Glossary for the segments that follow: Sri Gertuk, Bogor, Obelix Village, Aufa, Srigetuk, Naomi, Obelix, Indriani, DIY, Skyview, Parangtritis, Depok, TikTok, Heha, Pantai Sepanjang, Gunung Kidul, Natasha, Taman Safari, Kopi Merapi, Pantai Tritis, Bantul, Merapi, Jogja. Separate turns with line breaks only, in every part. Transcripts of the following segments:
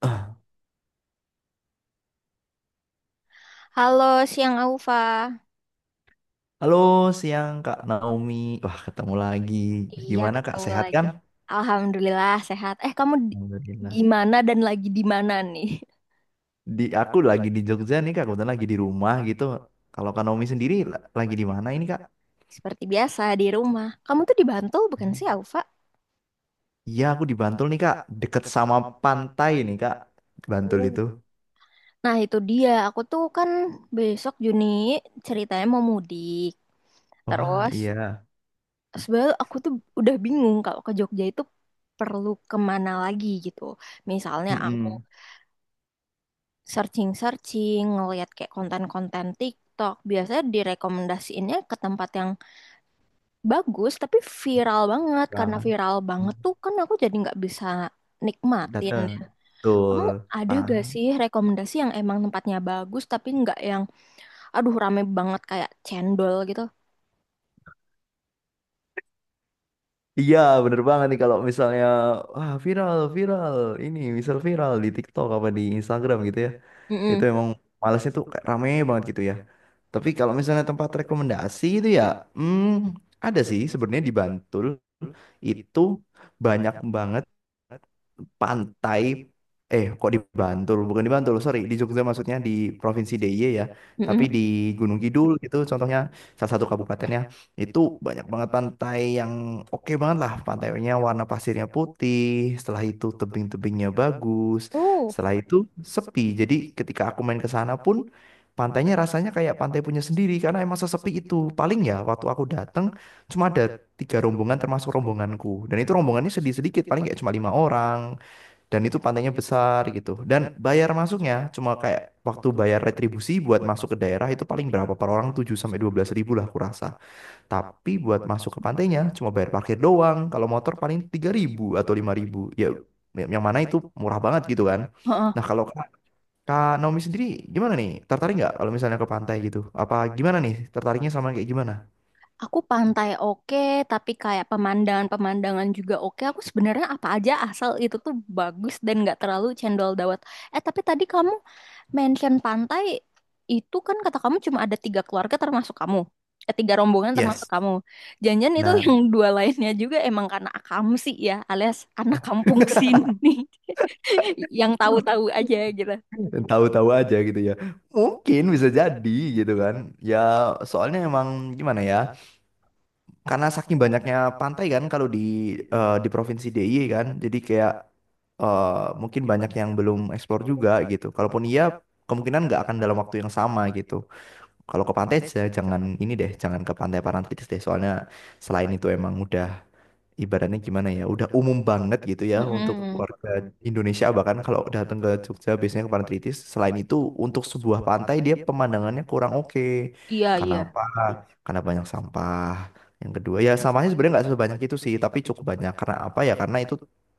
Ah,
Halo, siang Aufa.
halo, siang Kak Naomi. Wah, ketemu lagi.
Iya,
Gimana Kak,
ketemu
sehat
lagi.
kan?
Alhamdulillah sehat. Eh, kamu di-
Alhamdulillah.
gimana dan lagi di mana nih?
Aku lagi di Jogja nih Kak, kebetulan lagi di rumah gitu. Kalau Kak Naomi sendiri lagi di mana ini Kak?
Seperti biasa di rumah. Kamu tuh di Bantul bukan sih, Aufa?
Iya, aku di Bantul nih Kak, deket sama pantai nih Kak. Bantul itu.
Oh. Nah, itu dia. Aku tuh kan besok Juni ceritanya mau mudik.
Wah,
Terus
iya.
sebenarnya aku tuh udah bingung kalau ke Jogja itu perlu kemana lagi gitu. Misalnya aku
Mm-mm.
searching-searching, ngelihat kayak konten-konten TikTok. Biasanya direkomendasiinnya ke tempat yang bagus, tapi viral banget. Karena
Bang,
viral banget tuh kan aku jadi nggak bisa nikmatin.
dateng.
Ya. Kamu
Betul.
ada gak
Nah,
sih rekomendasi yang emang tempatnya bagus, tapi nggak yang, aduh rame banget kayak cendol gitu?
iya, bener banget nih kalau misalnya wah viral, viral. Ini misal viral di TikTok apa di Instagram gitu ya. Itu
Mm-mm.
emang malesnya tuh kayak rame banget gitu ya. Tapi kalau misalnya tempat rekomendasi itu ya, hmm, ada sih sebenarnya di Bantul itu banyak banget pantai, eh kok di Bantul, bukan di Bantul, sorry di Jogja maksudnya, di Provinsi DIY ya, tapi
Mm-mm.
di Gunung Kidul gitu contohnya, salah satu kabupatennya itu banyak banget pantai yang oke banget lah. Pantainya warna pasirnya putih, setelah itu tebing-tebingnya bagus,
Oh.
setelah itu sepi. Jadi ketika aku main ke sana pun pantainya rasanya kayak pantai punya sendiri, karena emang sesepi itu. Paling ya waktu aku dateng cuma ada tiga rombongan termasuk rombonganku, dan itu rombongannya sedih sedikit, paling kayak cuma lima orang, dan itu pantainya besar gitu. Dan bayar masuknya cuma kayak waktu bayar retribusi buat masuk ke daerah itu paling berapa per orang 7 sampai 12 ribu lah aku rasa. Tapi buat masuk ke pantainya cuma bayar parkir doang, kalau motor paling 3 ribu atau 5 ribu ya, yang mana itu murah banget gitu kan.
Heeh.
Nah, kalau Kak Kak Naomi sendiri gimana nih, tertarik nggak kalau misalnya ke pantai gitu, apa gimana nih tertariknya sama kayak gimana?
Aku pantai oke, tapi kayak pemandangan-pemandangan juga oke. Aku sebenarnya apa aja asal itu tuh bagus dan nggak terlalu cendol dawet. Eh, tapi tadi kamu mention pantai itu kan kata kamu cuma ada tiga keluarga termasuk kamu. Eh, tiga rombongan termasuk
Yes.
kamu. Jangan-jangan itu yang
Benar,
dua lainnya juga emang karena akamsi ya, alias anak kampung sini, yang tahu-tahu aja gitu.
tahu-tahu aja gitu ya. Mungkin bisa jadi gitu kan. Ya, soalnya emang gimana ya? Karena saking banyaknya pantai kan, kalau di provinsi DIY kan jadi kayak eh, mungkin banyak yang belum eksplor juga gitu. Kalaupun iya kemungkinan nggak akan dalam waktu yang sama gitu. Kalau ke pantai aja, jangan ini deh, jangan ke Pantai Parantritis deh. Soalnya selain itu emang udah ibaratnya gimana ya, udah umum banget gitu ya untuk
Mm-mm.
warga Indonesia. Bahkan kalau datang ke Jogja biasanya ke Pantai Tritis. Selain itu untuk sebuah pantai dia pemandangannya kurang oke.
Iya, iya.
Kenapa? Karena banyak sampah. Yang kedua ya sampahnya sebenarnya nggak sebanyak itu sih, tapi cukup banyak. Karena apa ya? Karena itu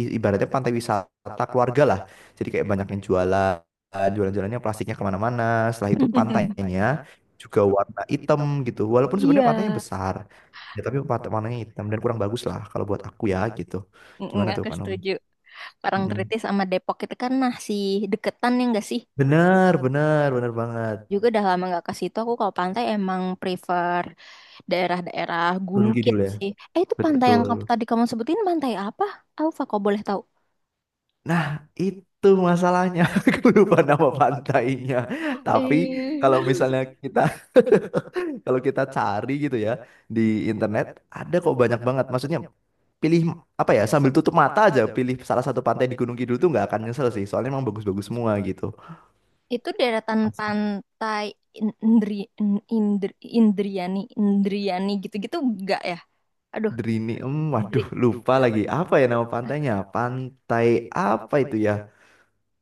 ibaratnya pantai wisata keluarga lah. Jadi kayak banyak yang jualan, jualan-jualannya plastiknya kemana-mana. Setelah itu pantainya juga warna hitam gitu. Walaupun sebenarnya pantainya besar, ya tapi warnanya hitam dan kurang bagus lah kalau buat aku ya gitu.
Mm-mm.
Gimana tuh
Aku
Kak Nomi?
setuju.
Mm-mm.
Parangtritis sama Depok itu kan masih deketan ya nggak sih?
Benar, benar, benar banget.
Juga udah lama nggak ke situ. Aku kalau pantai emang prefer daerah-daerah
Gunung
gunkit
Kidul ya.
sih. Eh itu pantai yang
Betul.
tadi kamu sebutin pantai apa? Alfa kok boleh tahu?
Nah, itu masalahnya. Aku lupa nama pantainya. Tapi
Eh,
kalau misalnya kita, kalau kita cari gitu ya di internet, ada kok banyak banget. Maksudnya pilih, apa ya, sambil tutup mata aja pilih salah satu pantai di Gunung Kidul tuh nggak akan nyesel sih. Soalnya emang bagus-bagus semua gitu.
Itu deretan pantai In- Indri, In- Indri, Indriani gitu-gitu enggak ya? Aduh,
Drini,
Indri.
waduh lupa lagi apa ya nama pantainya? Pantai apa itu ya?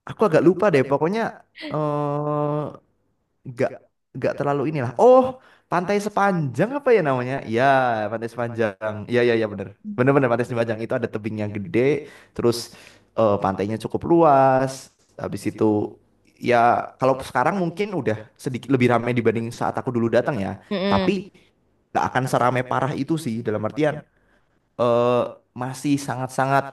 Aku agak lupa deh. Pokoknya eh nggak nggak terlalu inilah. Oh, Pantai Sepanjang, apa ya namanya? Ya, Pantai Sepanjang. Iya iya iya bener. Bener-bener, Pantai Sepanjang itu ada tebingnya gede, terus pantainya cukup luas. Habis itu ya kalau sekarang mungkin udah sedikit lebih ramai dibanding saat aku dulu datang ya.
Mm-mm.
Tapi nggak akan seramai parah itu sih, dalam artian eh masih sangat-sangat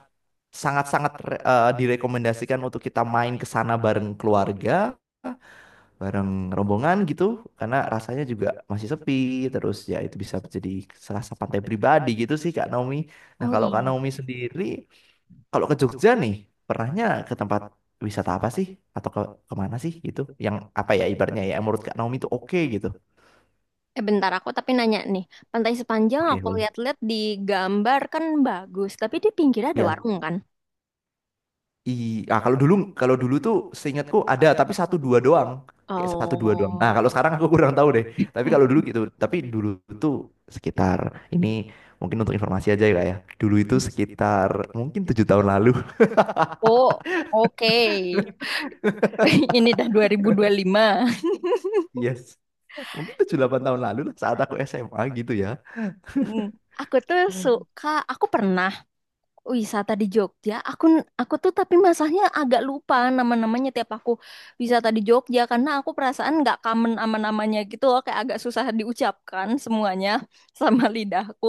sangat-sangat direkomendasikan untuk kita main ke sana bareng keluarga, bareng rombongan gitu. Karena rasanya juga masih sepi, terus ya itu bisa jadi serasa pantai pribadi gitu sih Kak Naomi. Nah,
Oh
kalau Kak
iya.
Naomi sendiri kalau ke Jogja nih pernahnya ke tempat wisata apa sih, atau ke kemana sih gitu yang apa ya ibaratnya, ya menurut Kak Naomi itu oke gitu.
Eh bentar aku tapi nanya nih, Pantai Sepanjang
Oke,
aku
boleh.
lihat-lihat di gambar kan bagus, tapi di pinggirnya ada
Ya.
warung kan?
I, ah kalau dulu tuh seingatku ada tapi satu dua doang. Kayak satu dua doang. Nah,
Oh,
kalau sekarang aku kurang tahu deh. Tapi kalau dulu gitu, tapi dulu tuh sekitar ini mungkin, untuk informasi aja ya Kak ya. Dulu itu sekitar mungkin 7 tahun lalu.
oh, oke. Ini dah 2025.
Yes. Mungkin 7 8 tahun lalu lah saat aku SMA gitu ya.
Hmm, Aku tuh suka. Aku pernah wisata di Jogja. Aku tuh tapi masalahnya agak lupa nama-namanya tiap aku wisata di Jogja karena aku perasaan nggak common sama namanya gitu loh, kayak agak susah diucapkan semuanya sama lidahku.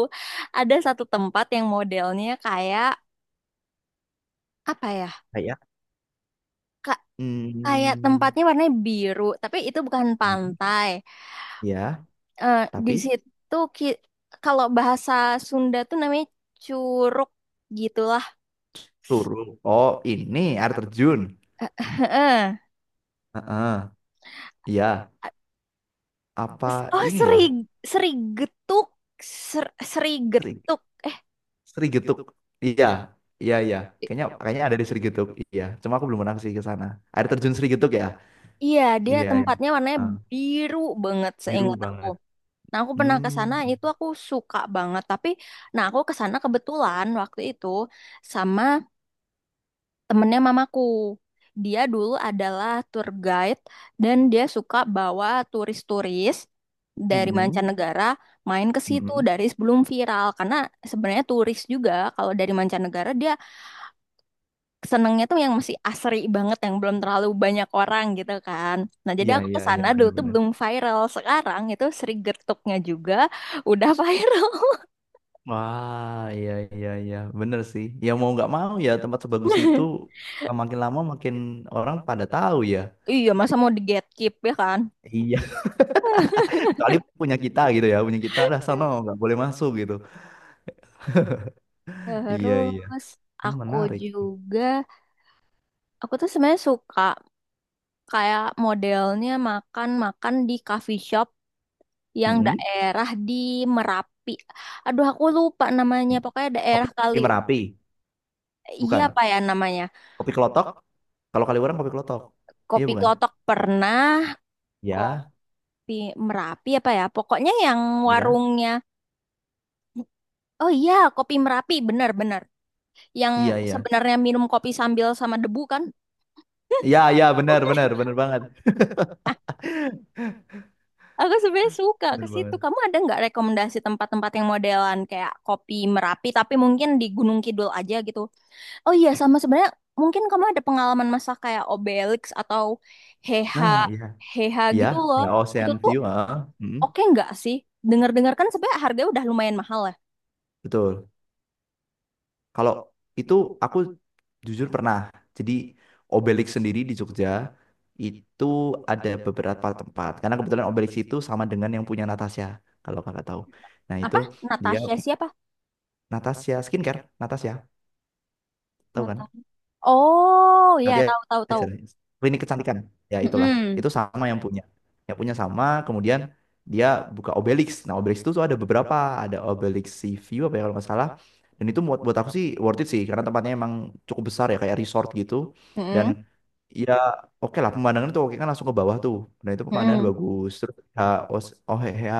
Ada satu tempat yang modelnya kayak apa ya?
Kayak
Ka- Kayak
hmm,
tempatnya warnanya biru, tapi itu bukan
gitu.
pantai.
Ya,
Eh, di
tapi
situ kalau bahasa Sunda tuh namanya curug gitulah.
suruh. Oh, ini air terjun.
Heeh.
Heeh. Iya, apa
Oh,
ini ya?
seri seri getuk, ser, seri
sering
getuk.
Sri Srigetuk. Iya, iya, iya.
I-
Kayaknya kayaknya ada di Sri Srigetuk. Iya, cuma aku belum pernah sih ke sana. Air terjun Srigetuk ya?
Iya, dia. Ya,
Iya. Iya.
tempatnya warnanya
Ah,
biru banget
biru
seingat aku.
banget.
Nah, aku pernah
Hmm.
ke sana itu aku suka banget, tapi nah aku ke sana kebetulan waktu itu sama temennya mamaku. Dia dulu adalah tour guide dan dia suka bawa turis-turis dari
Mm-mm.
mancanegara main ke situ
Mm-mm.
dari sebelum viral karena sebenarnya turis juga kalau dari mancanegara dia senengnya tuh yang masih asri banget yang belum terlalu banyak orang gitu kan. Nah, jadi
Iya,
aku ke
iya, iya,
sana dulu tuh
bener-bener.
belum viral. Sekarang itu Sri Gertuknya juga udah viral.
Wah, iya, iya, iya, bener sih. Ya mau nggak mau ya, tempat sebagus itu makin lama makin orang pada tahu ya.
Iya, masa mau di gatekeep ya kan?
Iya, kecuali punya kita gitu ya, punya kita lah, sono nggak boleh masuk gitu. Iya, iya.
Terus
Hmm,
aku
menarik.
juga aku tuh sebenarnya suka kayak modelnya makan-makan di coffee shop yang
Mm-mm.
daerah di Merapi. Aduh, aku lupa namanya. Pokoknya daerah kali
Kopi Merapi,
iya
bukan?
apa ya namanya?
Kopi Kelotok? Kalau kali orang Kopi Kelotok. Iya
Kopi
bukan?
Klotok pernah,
Ya,
Kopi Merapi apa ya? Pokoknya yang
iya,
warungnya. Oh iya, kopi Merapi, benar-benar. Yang
iya, iya.
sebenarnya minum kopi sambil sama debu kan?
Iya, iya, benar, benar, benar banget.
Ah, aku sebenarnya suka ke
Benar
situ.
banget.
Kamu ada nggak rekomendasi tempat-tempat yang modelan kayak kopi Merapi, tapi mungkin di Gunung Kidul aja gitu? Oh iya, sama sebenarnya mungkin kamu ada pengalaman masak kayak Obelix atau Heha,
Nah, iya.
Heha
Iya,
gitu loh.
ya
Itu
Ocean
tuh
View, heeh. Mm,
oke nggak sih? Dengar-dengar kan sebenarnya harganya udah lumayan mahal ya.
betul. Kalau itu aku jujur pernah. Jadi Obelix sendiri di Jogja itu ada beberapa tempat. Karena kebetulan Obelix itu sama dengan yang punya Natasha, kalau kakak tahu. Nah, itu
Apa?
dia,
Natasha siapa?
Natasha skincare, Natasha, tahu kan?
Oh, ya
Tadi
tahu tahu tahu.
aja lah. Klinik kecantikan. Ya itulah.
Mm-mm.
Itu sama yang punya. Yang punya sama, kemudian dia buka Obelix. Nah, Obelix itu tuh ada beberapa, ada Obelix Sea View apa ya kalau nggak salah. Dan itu buat buat aku sih worth it sih, karena tempatnya emang cukup besar ya kayak resort gitu.
Mm-mm.
Dan ya oke lah, pemandangan itu oke kan langsung ke bawah tuh. Nah, itu pemandangan
Mm-mm.
bagus. Terus ya, Os, oh, ya,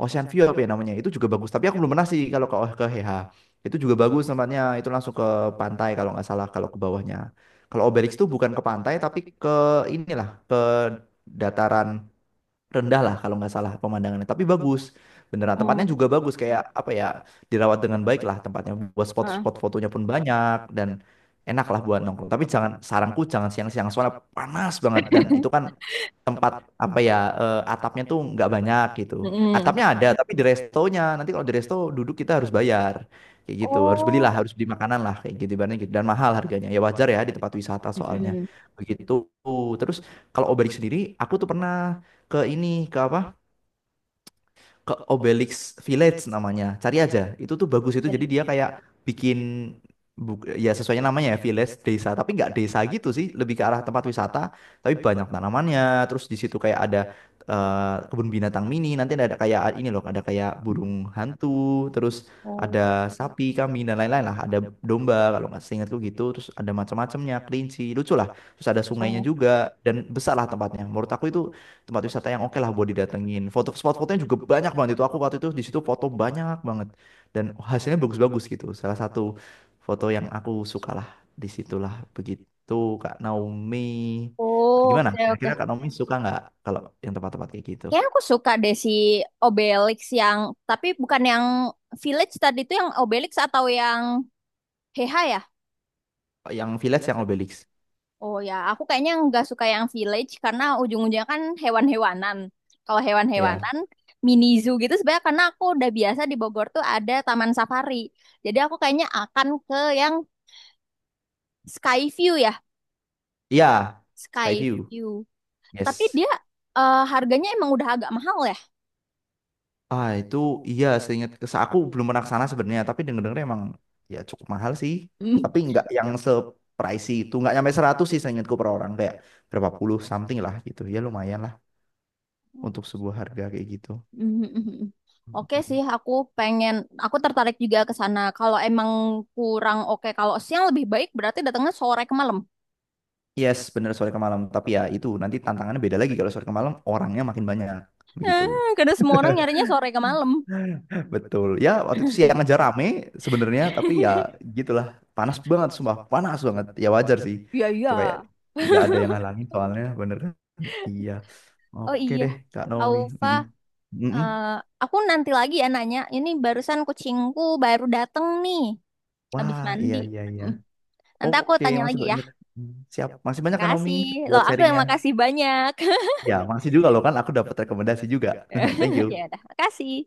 Ocean View apa ya namanya? Itu juga bagus. Tapi aku belum pernah sih kalau ke HH. Itu juga bagus tempatnya. Itu langsung ke pantai kalau nggak salah kalau ke bawahnya. Kalau Obelix itu bukan ke pantai tapi ke inilah, ke dataran rendah lah kalau nggak salah pemandangannya. Tapi bagus, beneran tempatnya
Mm.
juga bagus, kayak apa ya, dirawat dengan baik lah tempatnya. Buat
Ah.
spot-spot fotonya pun banyak dan enak lah buat nongkrong. Tapi jangan, saranku jangan siang-siang, soalnya panas banget dan itu kan tempat apa ya atapnya tuh nggak banyak gitu.
Mm-mm.
Atapnya ada tapi di restonya, nanti kalau di resto duduk kita harus bayar kayak gitu. Harus
Oh.
belilah, harus beli makanan lah kayak gitu ibaratnya gitu dan mahal harganya. Ya wajar ya di tempat wisata soalnya.
Mm-mm.
Begitu. Terus kalau Obalik sendiri aku tuh pernah ke ini ke apa, ke Obelix Village namanya. Cari aja. Itu tuh bagus itu. Jadi dia kayak bikin, ya sesuai namanya ya village, desa, tapi nggak desa gitu sih, lebih ke arah tempat wisata. Tapi banyak tanamannya. Terus di situ kayak ada kebun binatang mini. Nanti ada kayak ini loh, ada kayak burung hantu. Terus
oh,
ada sapi, kambing dan lain-lain lah. Ada domba kalau nggak seingatku gitu. Terus ada macam-macamnya, kelinci, lucu lah. Terus ada sungainya juga dan besar lah tempatnya. Menurut aku itu tempat wisata yang oke lah buat didatengin. Foto spot fotonya juga banyak banget itu. Aku waktu itu di situ foto banyak banget dan hasilnya bagus-bagus gitu. Salah satu foto yang aku suka lah di situlah begitu Kak Naomi.
oh,
Gimana?
oke
Kira-kira
oke.
Kak Naomi suka nggak kalau yang tempat-tempat kayak gitu?
Kayaknya aku suka deh si Obelix yang tapi bukan yang Village tadi itu yang Obelix atau yang Heha ya?
Yang village yang Obelix.
Oh ya, aku kayaknya nggak suka yang village karena ujung-ujungnya kan hewan-hewanan. Kalau
Iya.
hewan-hewanan, mini zoo gitu sebenarnya karena aku udah biasa di Bogor tuh ada taman safari. Jadi aku kayaknya akan ke yang Skyview ya,
Iya, Skyview.
Skyview. Tapi
Yes.
dia harganya emang udah agak mahal ya.
Ah itu iya, seingat aku belum pernah ke sana sebenarnya, tapi denger-denger emang ya cukup mahal sih,
Mm.
tapi nggak yang se pricey itu, nggak nyampe 100 sih seingatku per orang, kayak berapa puluh something lah gitu, ya lumayan lah untuk sebuah harga kayak gitu.
Mm. Oke sih,
Mhm.
pengen, aku tertarik juga ke sana. Kalau emang kurang oke, kalau siang lebih baik berarti datangnya sore ke malam.
Yes, bener sore ke malam, tapi ya itu nanti tantangannya beda lagi kalau sore ke malam orangnya makin banyak begitu.
Eh, karena semua orang nyarinya sore ke malam.
Betul. Ya, waktu itu siang aja rame sebenarnya, tapi ya gitulah. Panas banget, sumpah. Panas banget. Ya wajar sih.
Iya, iya.
Itu kayak nggak ada yang ngalangin soalnya, bener kan? Iya.
Oh
Oke
iya,
deh, Kak Naomi.
Aufa,
Mm-mm. Mm-mm.
eh, aku nanti lagi ya nanya. Ini barusan kucingku baru dateng nih, habis
Wah,
mandi.
iya, iya, iya.
Hmm, Nanti aku
Oke,
tanya
masih
lagi ya.
banyak. Siap. Masih banyak, Kak Naomi,
Makasih. Loh,
buat
aku yang
sharingnya.
makasih banyak.
Ya, masih juga loh kan. Aku dapat rekomendasi juga. Thank you.
Ya udah, makasih.